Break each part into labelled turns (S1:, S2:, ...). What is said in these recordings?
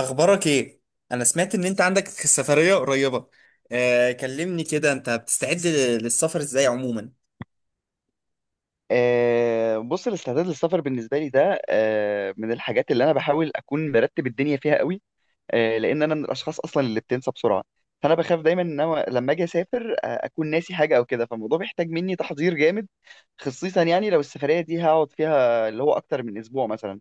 S1: اخبارك ايه؟ انا سمعت ان انت عندك سفرية قريبة. كلمني كده، انت بتستعد للسفر ازاي عموما؟
S2: بص، الاستعداد للسفر بالنسبه لي ده من الحاجات اللي انا بحاول اكون مرتب الدنيا فيها قوي. لان انا من الاشخاص اصلا اللي بتنسى بسرعه، فانا بخاف دايما ان انا لما اجي اسافر اكون ناسي حاجه او كده. فالموضوع بيحتاج مني تحضير جامد، خصيصا يعني لو السفريه دي هقعد فيها اللي هو اكتر من اسبوع مثلا.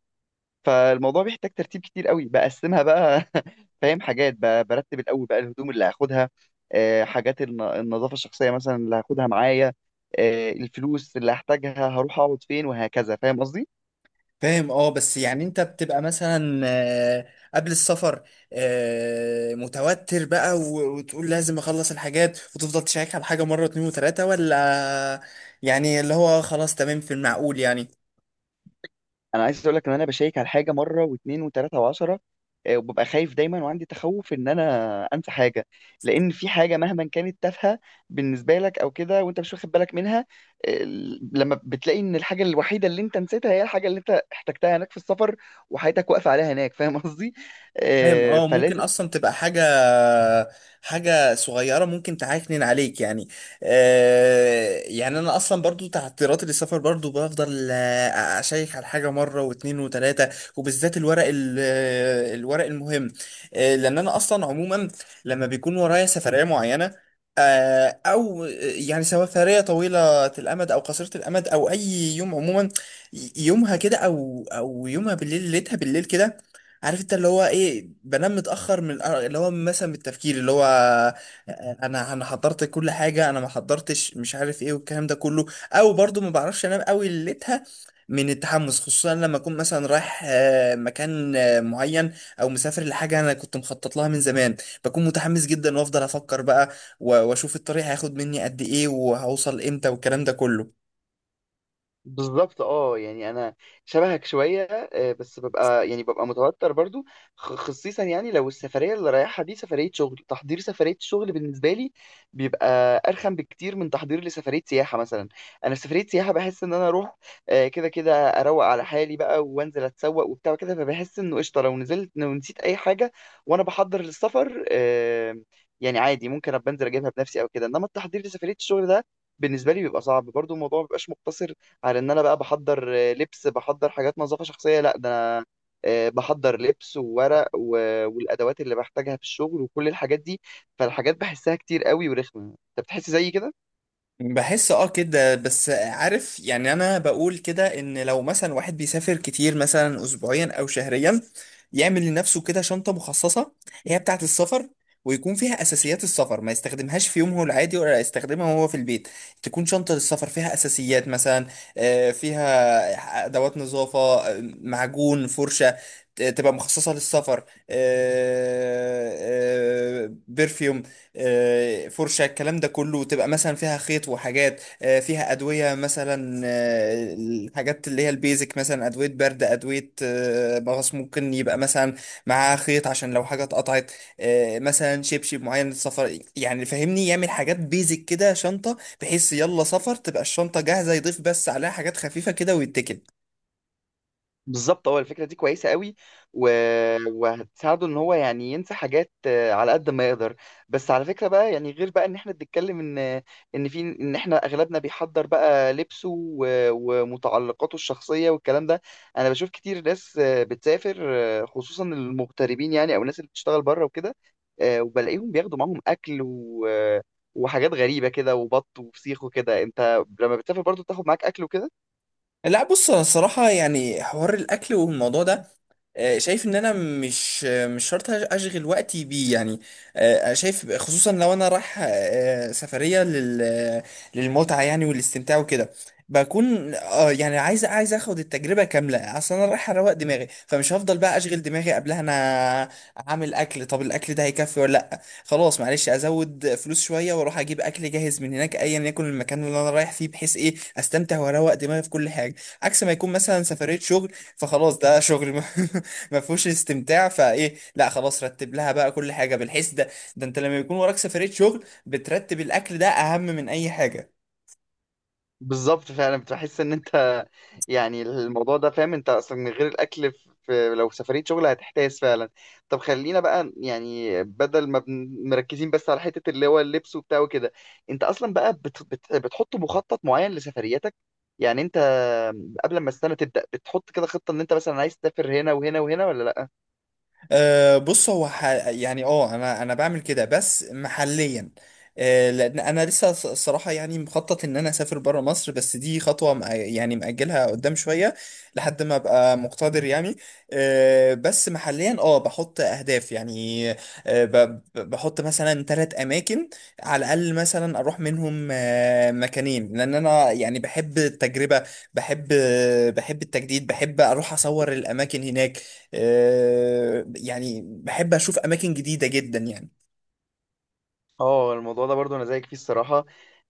S2: فالموضوع بيحتاج ترتيب كتير قوي، بقسمها بقى فاهم، حاجات برتب الاول بقى الهدوم اللي هاخدها، حاجات النظافه الشخصيه مثلا اللي هاخدها معايا، الفلوس اللي هحتاجها، هروح اقعد فين، وهكذا. فاهم قصدي؟
S1: فاهم. اه، بس يعني انت بتبقى مثلا قبل السفر متوتر بقى، و- وتقول لازم اخلص الحاجات وتفضل تشيك على حاجة مرة، اتنين وتلاتة، ولا يعني اللي هو خلاص، تمام في المعقول يعني؟
S2: انا عايز اقول لك ان انا بشيك على حاجه مره واثنين وثلاثه وعشره. وببقى خايف دايما، وعندي تخوف ان انا انسى حاجه. لان في حاجه مهما كانت تافهه بالنسبه لك او كده، وانت مش واخد بالك منها، آه، لما بتلاقي ان الحاجه الوحيده اللي انت نسيتها هي الحاجه اللي انت احتجتها هناك في السفر، وحياتك واقفه عليها هناك. فاهم قصدي؟
S1: فاهم. اه، ممكن
S2: فلازم.
S1: اصلا تبقى حاجه صغيره ممكن تعكنن عليك يعني. يعني انا اصلا برضو تعثيراتي للسفر برضو بفضل اشيك على حاجه مره واتنين وتلاته، وبالذات الورق الورق المهم. لان انا اصلا عموما لما بيكون ورايا سفريه معينه، آه، او آه، يعني سفريه طويله الامد او قصيره الامد او اي يوم عموما، يومها كده او يومها بالليل، ليلتها بالليل كده، عارف؟ انت اللي هو ايه، بنام متاخر من اللي هو مثلا من التفكير، اللي هو انا حضرت كل حاجه، انا ما حضرتش، مش عارف ايه والكلام ده كله، او برضو ما بعرفش انام قوي ليلتها من التحمس، خصوصا لما اكون مثلا رايح مكان معين، او مسافر لحاجه انا كنت مخطط لها من زمان. بكون متحمس جدا وافضل افكر بقى، و- واشوف الطريق هياخد مني قد ايه وهوصل امتى والكلام ده كله.
S2: بالظبط، اه، يعني انا شبهك شويه. بس ببقى يعني ببقى متوتر برضو، خصيصا يعني لو السفريه اللي رايحها دي سفريه شغل. تحضير سفريه الشغل بالنسبه لي بيبقى ارخم بكتير من تحضير لسفريه سياحه مثلا. انا في سفريه سياحه بحس ان انا اروح كده كده اروق على حالي بقى، وانزل اتسوق وبتاع كده. فبحس انه قشطه لو نزلت، لو نسيت اي حاجه وانا بحضر للسفر يعني عادي ممكن ابقى انزل اجيبها بنفسي او كده. انما التحضير لسفريه الشغل ده بالنسبه لي بيبقى صعب برضو. الموضوع ما بيبقاش مقتصر على ان انا بقى بحضر لبس، بحضر حاجات نظافه شخصيه، لا، ده انا بحضر لبس وورق والادوات اللي بحتاجها في الشغل، وكل الحاجات دي. فالحاجات بحسها كتير قوي ورخمه. انت بتحس زي كده؟
S1: بحس اه كده. بس عارف يعني؟ انا بقول كده ان لو مثلا واحد بيسافر كتير، مثلا اسبوعيا او شهريا، يعمل لنفسه كده شنطة مخصصة، هي بتاعة السفر، ويكون فيها اساسيات السفر، ما يستخدمهاش في يومه العادي ولا يستخدمها وهو في البيت. تكون شنطة للسفر فيها اساسيات، مثلا فيها ادوات نظافة، معجون، فرشة، تبقى مخصصة للسفر، برفيوم، فرشة، الكلام ده كله، تبقى مثلا فيها خيط وحاجات، فيها أدوية مثلا، الحاجات اللي هي البيزك، مثلا أدوية برد، أدوية مغص، ممكن يبقى مثلا معاها خيط عشان لو حاجة اتقطعت، مثلا شبشب معين للسفر، يعني فاهمني؟ يعمل حاجات بيزك كده، شنطة، بحيث يلا سفر تبقى الشنطة جاهزة، يضيف بس عليها حاجات خفيفة كده ويتكل.
S2: بالظبط، هو الفكرة دي كويسة قوي، و... وهتساعده ان هو يعني ينسى حاجات على قد ما يقدر. بس على فكرة بقى، يعني غير بقى ان احنا بنتكلم ان في، ان احنا اغلبنا بيحضر بقى لبسه و... ومتعلقاته الشخصية والكلام ده، انا بشوف كتير ناس بتسافر خصوصا المغتربين يعني، او الناس اللي بتشتغل بره وكده، وبلاقيهم بياخدوا معاهم اكل و... وحاجات غريبة كده، وبط وفسيخ وكده. انت لما بتسافر برضو بتاخد معاك اكل وكده؟
S1: لا، بص. أنا الصراحة يعني حوار الأكل والموضوع ده، شايف ان انا مش شرط اشغل وقتي بيه يعني. شايف، خصوصا لو انا رايح سفرية للمتعة يعني والاستمتاع وكده، بكون اه يعني عايز اخد التجربة كاملة. اصل انا رايح اروق دماغي، فمش هفضل بقى اشغل دماغي قبلها. انا هعمل اكل، طب الاكل ده هيكفي ولا لا، خلاص معلش ازود فلوس شوية واروح اجيب اكل جاهز من هناك، ايا يكن المكان اللي انا رايح فيه، بحيث ايه؟ استمتع واروق دماغي في كل حاجة. عكس ما يكون مثلا سفرية شغل، فخلاص، ده شغل ما ما فيهوش استمتاع، فايه؟ لا، خلاص رتب لها بقى كل حاجة بالحس ده. ده انت لما يكون وراك سفرية شغل بترتب الاكل، ده اهم من اي حاجة.
S2: بالظبط، فعلا بتحس ان انت يعني الموضوع ده فاهم، انت اصلا من غير الاكل في لو سفريه شغل هتحتاس فعلا. طب خلينا بقى يعني، بدل ما مركزين بس على حته اللي هو اللبس وبتاع وكده، انت اصلا بقى بت بت بتحط مخطط معين لسفرياتك؟ يعني انت قبل ما السنه تبدا بتحط كده خطه ان انت مثلا عايز تسافر هنا وهنا وهنا، ولا؟
S1: أه، بص. هو يعني اه، انا بعمل كده بس محليا. أه، لان انا لسه الصراحه يعني مخطط ان انا اسافر بره مصر، بس دي خطوه يعني مأجلها قدام شويه، لحد ما ابقى مقتدر يعني. أه، بس محليا اه بحط اهداف يعني. أه، بحط مثلا ثلاث اماكن على الاقل، مثلا اروح منهم أه مكانين، لان انا يعني بحب التجربه، بحب بحب التجديد، بحب اروح اصور الاماكن هناك، يعني بحب اشوف اماكن جديده جدا يعني.
S2: اه، الموضوع ده برضو انا زيك فيه الصراحه.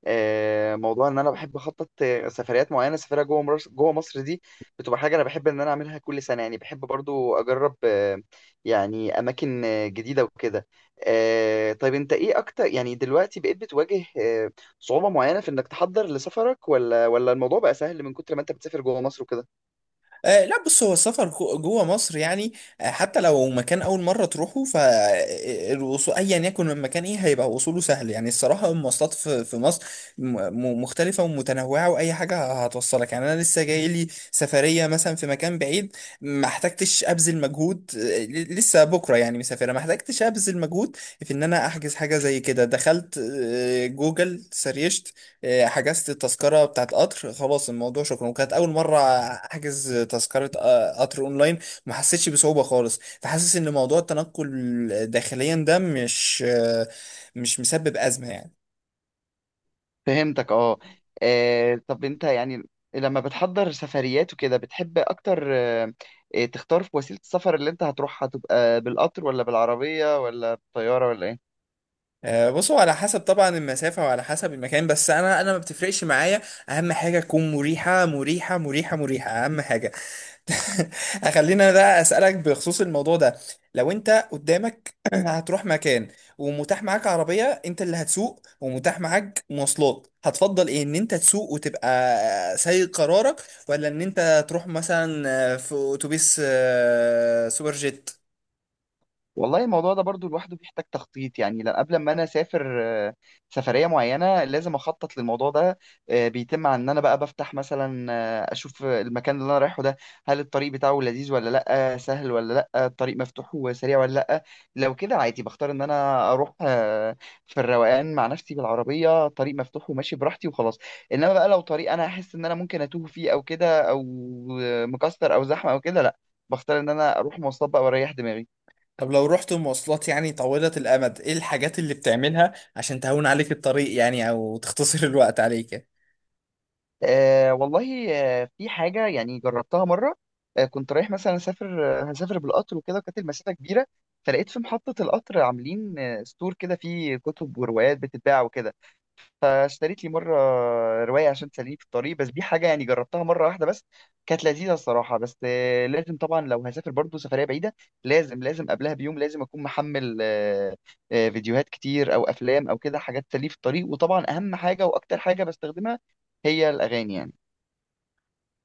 S2: موضوع ان انا بحب اخطط سفريات معينه، سفريه جوه مصر دي بتبقى حاجه انا بحب ان انا اعملها كل سنه. يعني بحب برضو اجرب يعني اماكن جديده وكده. طيب انت ايه اكتر يعني دلوقتي بقيت بتواجه صعوبه معينه في انك تحضر لسفرك، ولا الموضوع بقى سهل من كتر ما انت بتسافر جوه مصر وكده؟
S1: لا، بص. هو السفر جوه مصر يعني، حتى لو مكان اول مره تروحه، فالوصول ايا يكن المكان ايه، هيبقى وصوله سهل يعني. الصراحه المواصلات في مصر مختلفه ومتنوعه، واي حاجه هتوصلك يعني. انا لسه جاي لي سفريه مثلا في مكان بعيد، ما احتجتش ابذل مجهود، لسه بكره يعني مسافره، ما احتجتش ابذل مجهود في ان انا احجز حاجه. زي كده، دخلت جوجل سريشت إيه، حجزت التذكرة بتاعت قطر، خلاص، الموضوع شكرا. وكانت أول مرة أحجز تذكرة قطر أونلاين. ما حسيتش بصعوبة خالص، فحاسس إن موضوع التنقل داخليا ده مش مسبب أزمة يعني.
S2: فهمتك، اه. طب انت يعني لما بتحضر سفريات وكده بتحب اكتر تختار في وسيلة السفر اللي انت هتروحها تبقى بالقطر، ولا بالعربية، ولا بالطيارة، ولا ايه؟
S1: بصوا، على حسب طبعا المسافة وعلى حسب المكان، بس أنا ما بتفرقش معايا، أهم حاجة تكون مريحة، مريحة، مريحة، مريحة، أهم حاجة. خلينا بقى اسالك بخصوص الموضوع ده، لو انت قدامك هتروح مكان، ومتاح معاك عربيه انت اللي هتسوق، ومتاح معاك مواصلات، هتفضل ايه؟ ان انت تسوق وتبقى سايق قرارك، ولا ان انت تروح مثلا في اتوبيس سوبر جيت؟
S2: والله الموضوع ده برضو لوحده بيحتاج تخطيط يعني. قبل ما انا اسافر سفريه معينه لازم اخطط للموضوع ده. بيتم عن ان انا بقى بفتح مثلا اشوف المكان اللي انا رايحه ده، هل الطريق بتاعه لذيذ ولا لا، سهل ولا لا، الطريق مفتوح وسريع ولا لا. لو كده عادي بختار ان انا اروح في الروقان مع نفسي بالعربيه، طريق مفتوح وماشي براحتي وخلاص. انما بقى لو طريق انا احس ان انا ممكن اتوه فيه او كده، او مكسر او زحمه او كده، لا، بختار ان انا اروح مواصلات بقى واريح دماغي.
S1: طب لو رحت مواصلات يعني طويلة الامد، ايه الحاجات اللي بتعملها عشان تهون عليك الطريق يعني، او تختصر الوقت عليك؟
S2: آه والله، آه، في حاجة يعني جربتها مرة. آه كنت رايح مثلا أسافر آه، هسافر بالقطر وكده، وكانت المسافة كبيرة، فلقيت في محطة القطر عاملين آه ستور كده فيه كتب وروايات بتتباع وكده، فاشتريت لي مرة رواية عشان تسليني في الطريق. بس دي حاجة يعني جربتها مرة واحدة بس، كانت لذيذة الصراحة. بس آه لازم طبعا لو هسافر برضو سفرية بعيدة، لازم لازم قبلها بيوم لازم أكون محمل آه، آه فيديوهات كتير أو أفلام أو كده، حاجات تسليني في الطريق. وطبعا أهم حاجة وأكتر حاجة بستخدمها هي الأغاني يعني.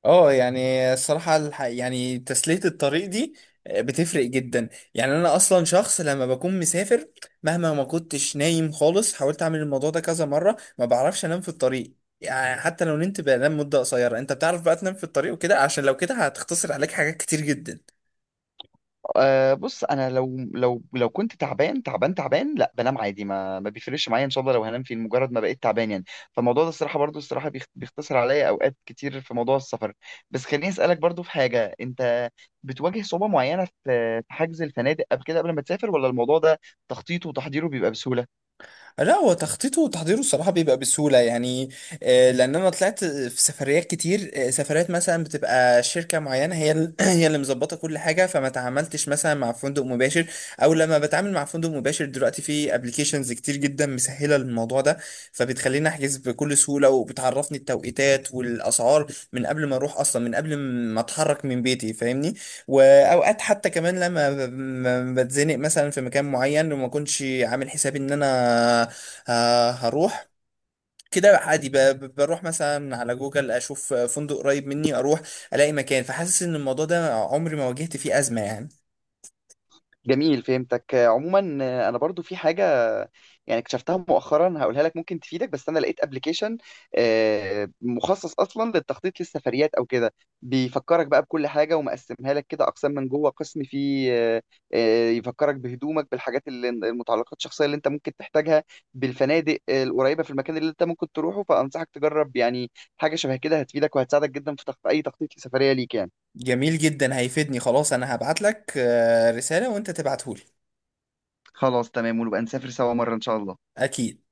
S1: اه، يعني الصراحة يعني تسلية الطريق دي بتفرق جدا. يعني انا اصلا شخص لما بكون مسافر، مهما ما كنتش نايم خالص، حاولت اعمل الموضوع ده كذا مرة، ما بعرفش انام في الطريق يعني. حتى لو نمت بنام مدة قصيرة. انت بتعرف بقى تنام في الطريق وكده؟ عشان لو كده هتختصر عليك حاجات كتير جدا.
S2: أه بص، انا لو كنت تعبان تعبان تعبان لا بنام عادي، ما بيفرقش معايا ان شاء الله لو هنام في مجرد ما بقيت تعبان يعني. فالموضوع ده الصراحه برضو الصراحه بيختصر عليا اوقات كتير في موضوع السفر. بس خليني اسالك برضو، في حاجه انت بتواجه صعوبه معينه في حجز الفنادق قبل كده، قبل ما تسافر، ولا الموضوع ده تخطيطه وتحضيره بيبقى بسهوله؟
S1: لا، هو تخطيطه وتحضيره الصراحة بيبقى بسهولة يعني، لأن أنا طلعت في سفريات كتير، سفريات مثلا بتبقى شركة معينة هي هي اللي مظبطة كل حاجة، فما تعاملتش مثلا مع فندق مباشر. أو لما بتعامل مع فندق مباشر دلوقتي، في أبليكيشنز كتير جدا مسهلة الموضوع ده، فبتخليني أحجز بكل سهولة وبتعرفني التوقيتات والأسعار من قبل ما أروح أصلا، من قبل ما أتحرك من بيتي، فاهمني؟ واوقات حتى كمان لما بتزنق مثلا في مكان معين، وما كنتش عامل حسابي ان انا هروح، كده عادي بروح مثلا على جوجل، اشوف فندق قريب مني، اروح الاقي مكان. فحاسس ان الموضوع ده عمري ما واجهت فيه ازمة يعني.
S2: جميل، فهمتك. عموما انا برضو في حاجه يعني اكتشفتها مؤخرا هقولها لك، ممكن تفيدك. بس انا لقيت ابلكيشن مخصص اصلا للتخطيط للسفريات او كده. بيفكرك بقى بكل حاجه، ومقسمها لك كده اقسام من جوه، قسم فيه يفكرك بهدومك، بالحاجات اللي المتعلقات الشخصيه اللي انت ممكن تحتاجها، بالفنادق القريبه في المكان اللي انت ممكن تروحه. فانصحك تجرب يعني حاجه شبه كده، هتفيدك وهتساعدك جدا في اي تخطيط لسفريه ليك يعني.
S1: جميل جدا، هيفيدني، خلاص انا هبعت لك رسالة وانت تبعتهولي.
S2: خلاص، تمام، ونبقى نسافر سوا مره ان شاء الله.
S1: اكيد.